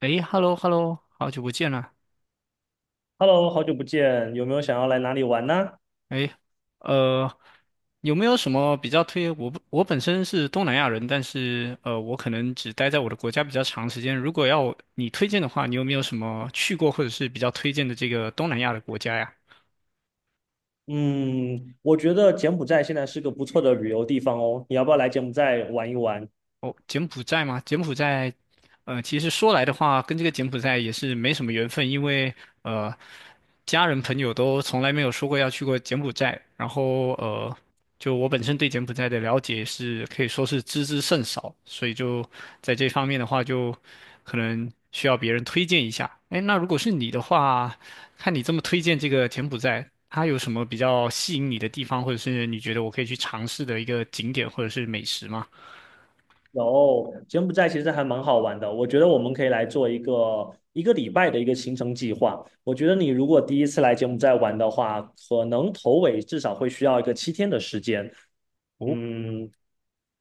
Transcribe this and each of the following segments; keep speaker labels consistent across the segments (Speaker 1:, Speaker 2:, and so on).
Speaker 1: 诶， hello hello 好久不见了。
Speaker 2: Hello，好久不见，有没有想要来哪里玩呢？
Speaker 1: 诶，呃，有没有什么比较推？我不我本身是东南亚人，但是我可能只待在我的国家比较长时间。如果要你推荐的话，你有没有什么去过或者是比较推荐的这个东南亚的国家呀？
Speaker 2: 嗯，我觉得柬埔寨现在是个不错的旅游地方哦，你要不要来柬埔寨玩一玩？
Speaker 1: 哦，柬埔寨吗？柬埔寨，其实说来的话，跟这个柬埔寨也是没什么缘分，因为呃，家人朋友都从来没有说过要去过柬埔寨，然后就我本身对柬埔寨的了解是可以说是知之甚少，所以就在这方面的话，就可能需要别人推荐一下。哎，那如果是你的话，看你这么推荐这个柬埔寨，它有什么比较吸引你的地方，或者是你觉得我可以去尝试的一个景点或者是美食吗？
Speaker 2: 有，柬埔寨其实还蛮好玩的，我觉得我们可以来做一个礼拜的一个行程计划。我觉得你如果第一次来柬埔寨玩的话，可能头尾至少会需要一个7天的时间。
Speaker 1: 哦，
Speaker 2: 嗯，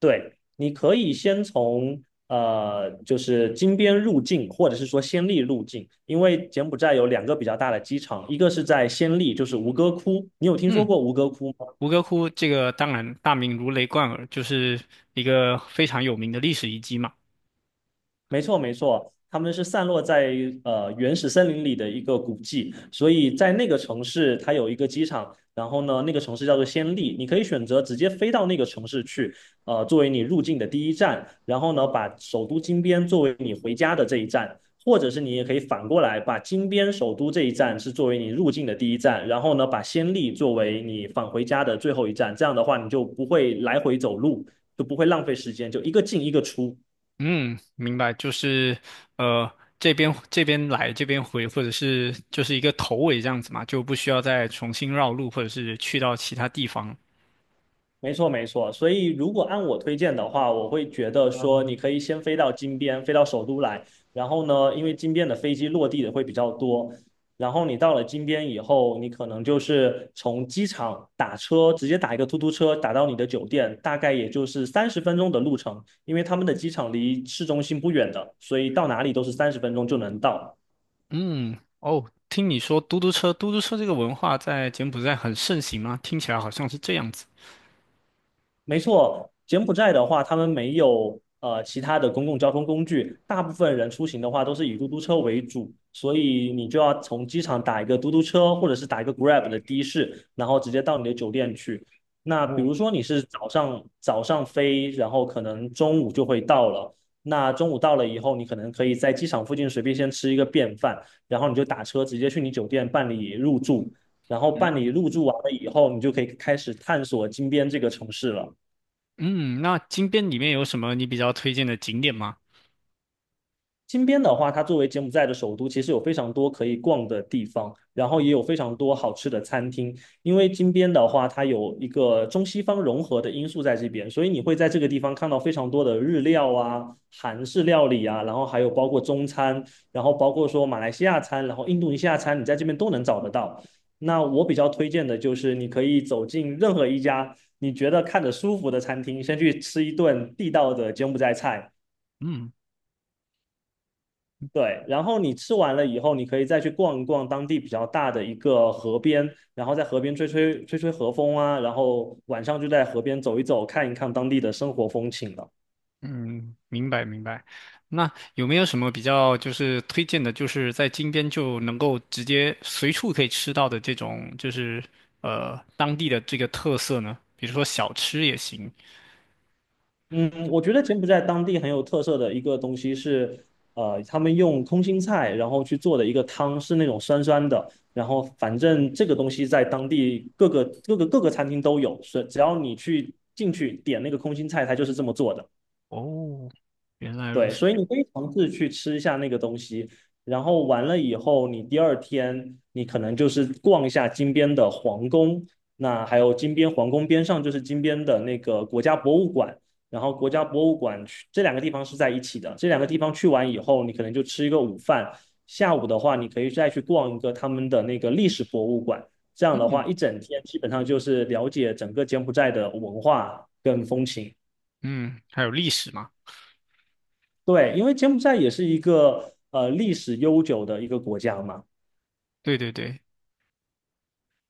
Speaker 2: 对，你可以先从就是金边入境，或者是说暹粒入境，因为柬埔寨有两个比较大的机场，一个是在暹粒，就是吴哥窟，你有听说
Speaker 1: 嗯。
Speaker 2: 过吴哥窟吗？
Speaker 1: 吴哥窟这个当然大名如雷贯耳，就是一个非常有名的历史遗迹嘛。
Speaker 2: 没错，没错，他们是散落在原始森林里的一个古迹，所以在那个城市它有一个机场，然后呢，那个城市叫做暹粒，你可以选择直接飞到那个城市去，作为你入境的第一站，然后呢，把首都金边作为你回家的这一站，或者是你也可以反过来把金边首都这一站是作为你入境的第一站，然后呢，把暹粒作为你返回家的最后一站，这样的话你就不会来回走路，就不会浪费时间，就一个进一个出。
Speaker 1: 嗯，明白，就是呃这边来这边回，或者是就是一个头尾这样子嘛，就不需要再重新绕路，或者是去到其他地方。
Speaker 2: 没错，没错。所以，如果按我推荐的话，我会觉得说，你可以先飞到金边，飞到首都来。然后呢，因为金边的飞机落地的会比较多。然后你到了金边以后，你可能就是从机场打车，直接打一个出租车打到你的酒店，大概也就是三十分钟的路程。因为他们的机场离市中心不远的，所以到哪里都是三十分钟就能到。
Speaker 1: 嗯，哦，听你说嘟嘟车，嘟嘟车这个文化在柬埔寨很盛行吗？听起来好像是这样子。
Speaker 2: 没错，柬埔寨的话，他们没有其他的公共交通工具，大部分人出行的话都是以嘟嘟车为主，所以你就要从机场打一个嘟嘟车，或者是打一个 Grab 的的士，然后直接到你的酒店去。那比
Speaker 1: 哦，
Speaker 2: 如说你是早上飞，然后可能中午就会到了。那中午到了以后，你可能可以在机场附近随便先吃一个便饭，然后你就打车直接去你酒店办理入住，然后办理
Speaker 1: 嗯
Speaker 2: 入住完了以后，你就可以开始探索金边这个城市了。
Speaker 1: 嗯，那金边里面有什么你比较推荐的景点吗？
Speaker 2: 金边的话，它作为柬埔寨的首都，其实有非常多可以逛的地方，然后也有非常多好吃的餐厅。因为金边的话，它有一个中西方融合的因素在这边，所以你会在这个地方看到非常多的日料啊、韩式料理啊，然后还有包括中餐，然后包括说马来西亚餐，然后印度尼西亚餐，你在这边都能找得到。那我比较推荐的就是你可以走进任何一家你觉得看着舒服的餐厅，先去吃一顿地道的柬埔寨菜。
Speaker 1: 嗯。
Speaker 2: 对，然后你吃完了以后，你可以再去逛一逛当地比较大的一个河边，然后在河边吹吹河风啊，然后晚上就在河边走一走，看一看当地的生活风情了。
Speaker 1: 嗯，明白明白。那有没有什么比较就是推荐的，就是在金边就能够直接随处可以吃到的这种，就是当地的这个特色呢？比如说小吃也行。
Speaker 2: 嗯，我觉得柬埔寨当地很有特色的一个东西是，他们用空心菜然后去做的一个汤，是那种酸酸的，然后反正这个东西在当地各个餐厅都有，是只要你去进去点那个空心菜，它就是这么做的。
Speaker 1: 哦，原来如
Speaker 2: 对，
Speaker 1: 此。
Speaker 2: 所以你可以尝试去吃一下那个东西，然后完了以后，你第二天你可能就是逛一下金边的皇宫，那还有金边皇宫边上就是金边的那个国家博物馆，然后国家博物馆去这两个地方是在一起的，这两个地方去完以后，你可能就吃一个午饭，下午的话你可以再去逛一个他们的那个历史博物馆，这样的话
Speaker 1: 嗯
Speaker 2: 一整天基本上就是了解整个柬埔寨的文化跟风情。
Speaker 1: 嗯，还有历史嘛？
Speaker 2: 对，因为柬埔寨也是一个历史悠久的一个国家嘛，
Speaker 1: 对对对。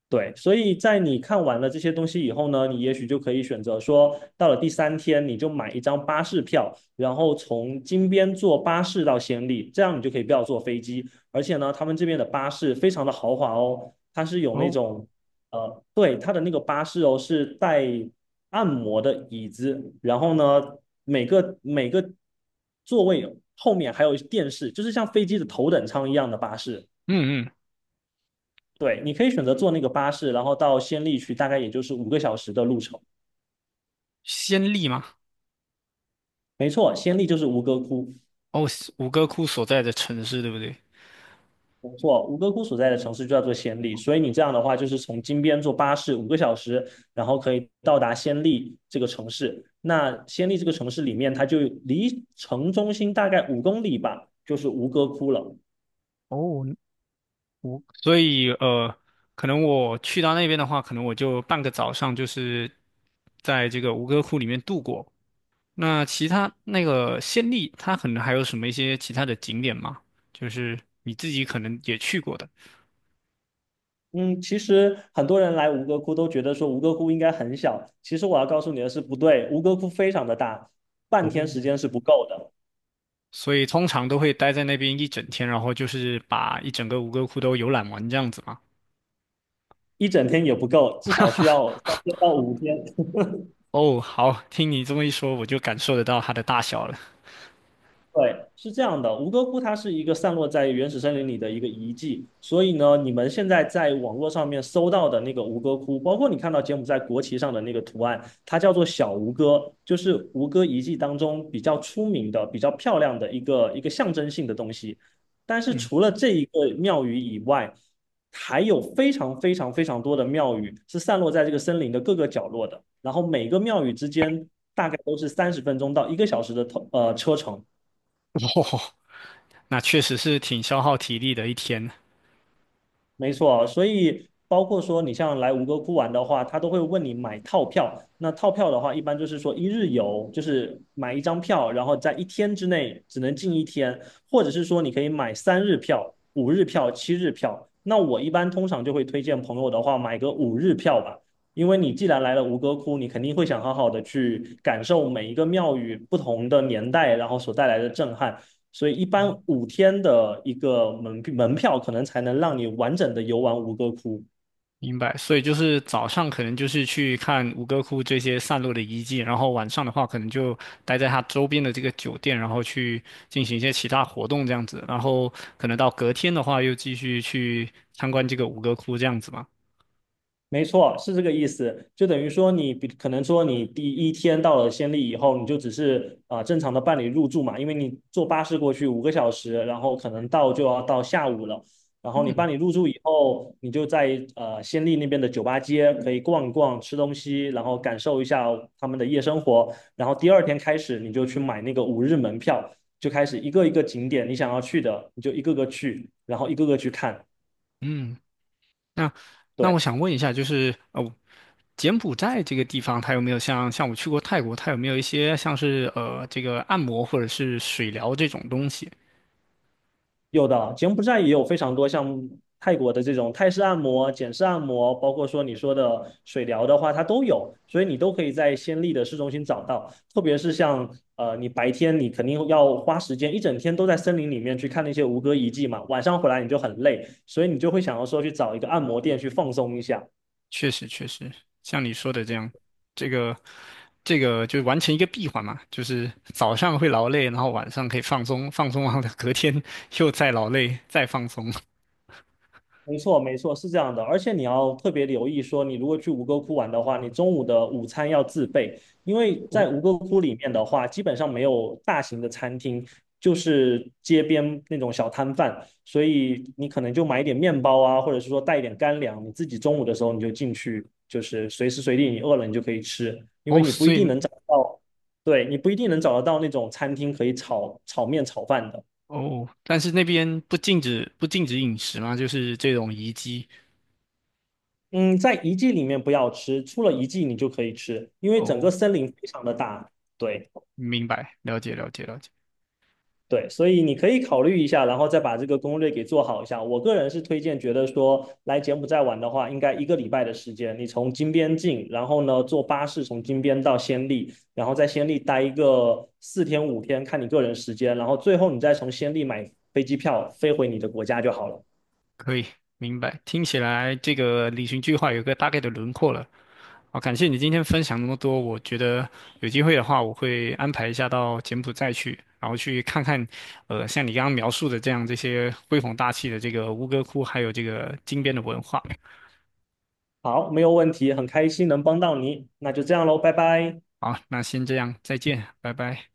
Speaker 2: 对，所以在你看完了这些东西以后呢，你也许就可以选择说，到了第三天你就买一张巴士票，然后从金边坐巴士到暹粒，这样你就可以不要坐飞机。而且呢，他们这边的巴士非常的豪华哦，它是有那
Speaker 1: 哦，
Speaker 2: 种，对，它的那个巴士哦是带按摩的椅子，然后呢，每个座位后面还有电视，就是像飞机的头等舱一样的巴士。
Speaker 1: 嗯嗯，
Speaker 2: 对，你可以选择坐那个巴士，然后到仙丽去，大概也就是五个小时的路程。
Speaker 1: 先例吗？
Speaker 2: 没错，仙丽就是吴哥窟，
Speaker 1: 哦，五哥窟所在的城市，对不对？
Speaker 2: 没错，吴哥窟所在的城市就叫做仙丽，所以你这样的话就是从金边坐巴士五个小时，然后可以到达仙丽这个城市。那仙丽这个城市里面，它就离城中心大概5公里吧，就是吴哥窟了。
Speaker 1: 哦。我所以可能我去到那边的话，可能我就半个早上就是在这个吴哥窟里面度过。那其他那个暹粒，它可能还有什么一些其他的景点吗？就是你自己可能也去过的，
Speaker 2: 嗯，其实很多人来吴哥窟都觉得说吴哥窟应该很小，其实我要告诉你的是不对，吴哥窟非常的大，半
Speaker 1: 哦，
Speaker 2: 天时间是不够的。
Speaker 1: 所以通常都会待在那边一整天，然后就是把一整个吴哥窟都游览完这样子嘛。
Speaker 2: 一整天也不够，至少需要3天到5天。
Speaker 1: 哦，好，听你这么一说，我就感受得到它的大小了。
Speaker 2: 对，是这样的，吴哥窟它是一个散落在原始森林里的一个遗迹，所以呢，你们现在在网络上面搜到的那个吴哥窟，包括你看到柬埔寨国旗上的那个图案，它叫做小吴哥，就是吴哥遗迹当中比较出名的、比较漂亮的一个象征性的东西。但是
Speaker 1: 嗯，
Speaker 2: 除了这一个庙宇以外，还有非常多的庙宇是散落在这个森林的各个角落的，然后每个庙宇之间大概都是30分钟到1个小时的车程。
Speaker 1: 那确实是挺消耗体力的一天。
Speaker 2: 没错，所以包括说你像来吴哥窟玩的话，他都会问你买套票。那套票的话，一般就是说一日游，就是买一张票，然后在一天之内只能进一天，或者是说你可以买3日票、5日票、7日票。那我一般通常就会推荐朋友的话，买个五日票吧。因为你既然来了吴哥窟，你肯定会想好好的去感受每一个庙宇不同的年代，然后所带来的震撼。所以一般五天的一个门票可能才能让你完整的游玩5个窟。
Speaker 1: 明白，所以就是早上可能就是去看吴哥窟这些散落的遗迹，然后晚上的话可能就待在它周边的这个酒店，然后去进行一些其他活动这样子，然后可能到隔天的话又继续去参观这个吴哥窟这样子嘛。
Speaker 2: 没错，是这个意思。就等于说你，比可能说你第一天到了暹粒以后，你就只是啊、正常的办理入住嘛，因为你坐巴士过去五个小时，然后可能到就要到下午了。然后你办理入住以后，你就在暹粒那边的酒吧街可以逛一逛、吃东西，然后感受一下他们的夜生活。然后第二天开始，你就去买那个5日门票，就开始一个一个景点你想要去的，你就一个个去，然后一个个去看。
Speaker 1: 嗯，那
Speaker 2: 对。
Speaker 1: 我想问一下，就是哦，柬埔寨这个地方它有没有像我去过泰国，它有没有一些像是这个按摩或者是水疗这种东西？
Speaker 2: 有的，柬埔寨也有非常多像泰国的这种泰式按摩、简式按摩，包括说你说的水疗的话，它都有，所以你都可以在暹粒的市中心找到。特别是像你白天你肯定要花时间，一整天都在森林里面去看那些吴哥遗迹嘛，晚上回来你就很累，所以你就会想要说去找一个按摩店去放松一下。
Speaker 1: 确实确实，像你说的这样，这个这个就完成一个闭环嘛，就是早上会劳累，然后晚上可以放松，放松完了隔天 又再劳累，再放松。
Speaker 2: 没错，没错，是这样的，而且你要特别留意说，你如果去吴哥窟玩的话，你中午的午餐要自备，因为在吴哥窟里面的话，基本上没有大型的餐厅，就是街边那种小摊贩，所以你可能就买一点面包啊，或者是说带一点干粮，你自己中午的时候你就进去，就是随时随地你饿了你就可以吃，因为
Speaker 1: 哦，
Speaker 2: 你不
Speaker 1: 所
Speaker 2: 一
Speaker 1: 以
Speaker 2: 定能找到，对，你不一定能找得到那种餐厅可以炒面炒饭的。
Speaker 1: 哦，但是那边不禁止饮食嘛，就是这种遗机
Speaker 2: 嗯，在遗迹里面不要吃，出了遗迹你就可以吃，因为整个
Speaker 1: 哦，
Speaker 2: 森林非常的大。对
Speaker 1: 明白，了解了解了解，
Speaker 2: 对，所以你可以考虑一下，然后再把这个攻略给做好一下。我个人是推荐，觉得说来柬埔寨玩的话，应该一个礼拜的时间，你从金边进，然后呢坐巴士从金边到暹粒，然后在暹粒待一个4天5天，看你个人时间，然后最后你再从暹粒买飞机票飞回你的国家就好了。
Speaker 1: 可以明白。听起来这个旅行计划有个大概的轮廓了。好，感谢你今天分享那么多。我觉得有机会的话，我会安排一下到柬埔寨去，然后去看看，像你刚刚描述的这样这些恢弘大气的这个吴哥窟，还有这个金边的文化。
Speaker 2: 好，没有问题，很开心能帮到你，那就这样喽，拜拜。
Speaker 1: 好，那先这样，再见，拜拜。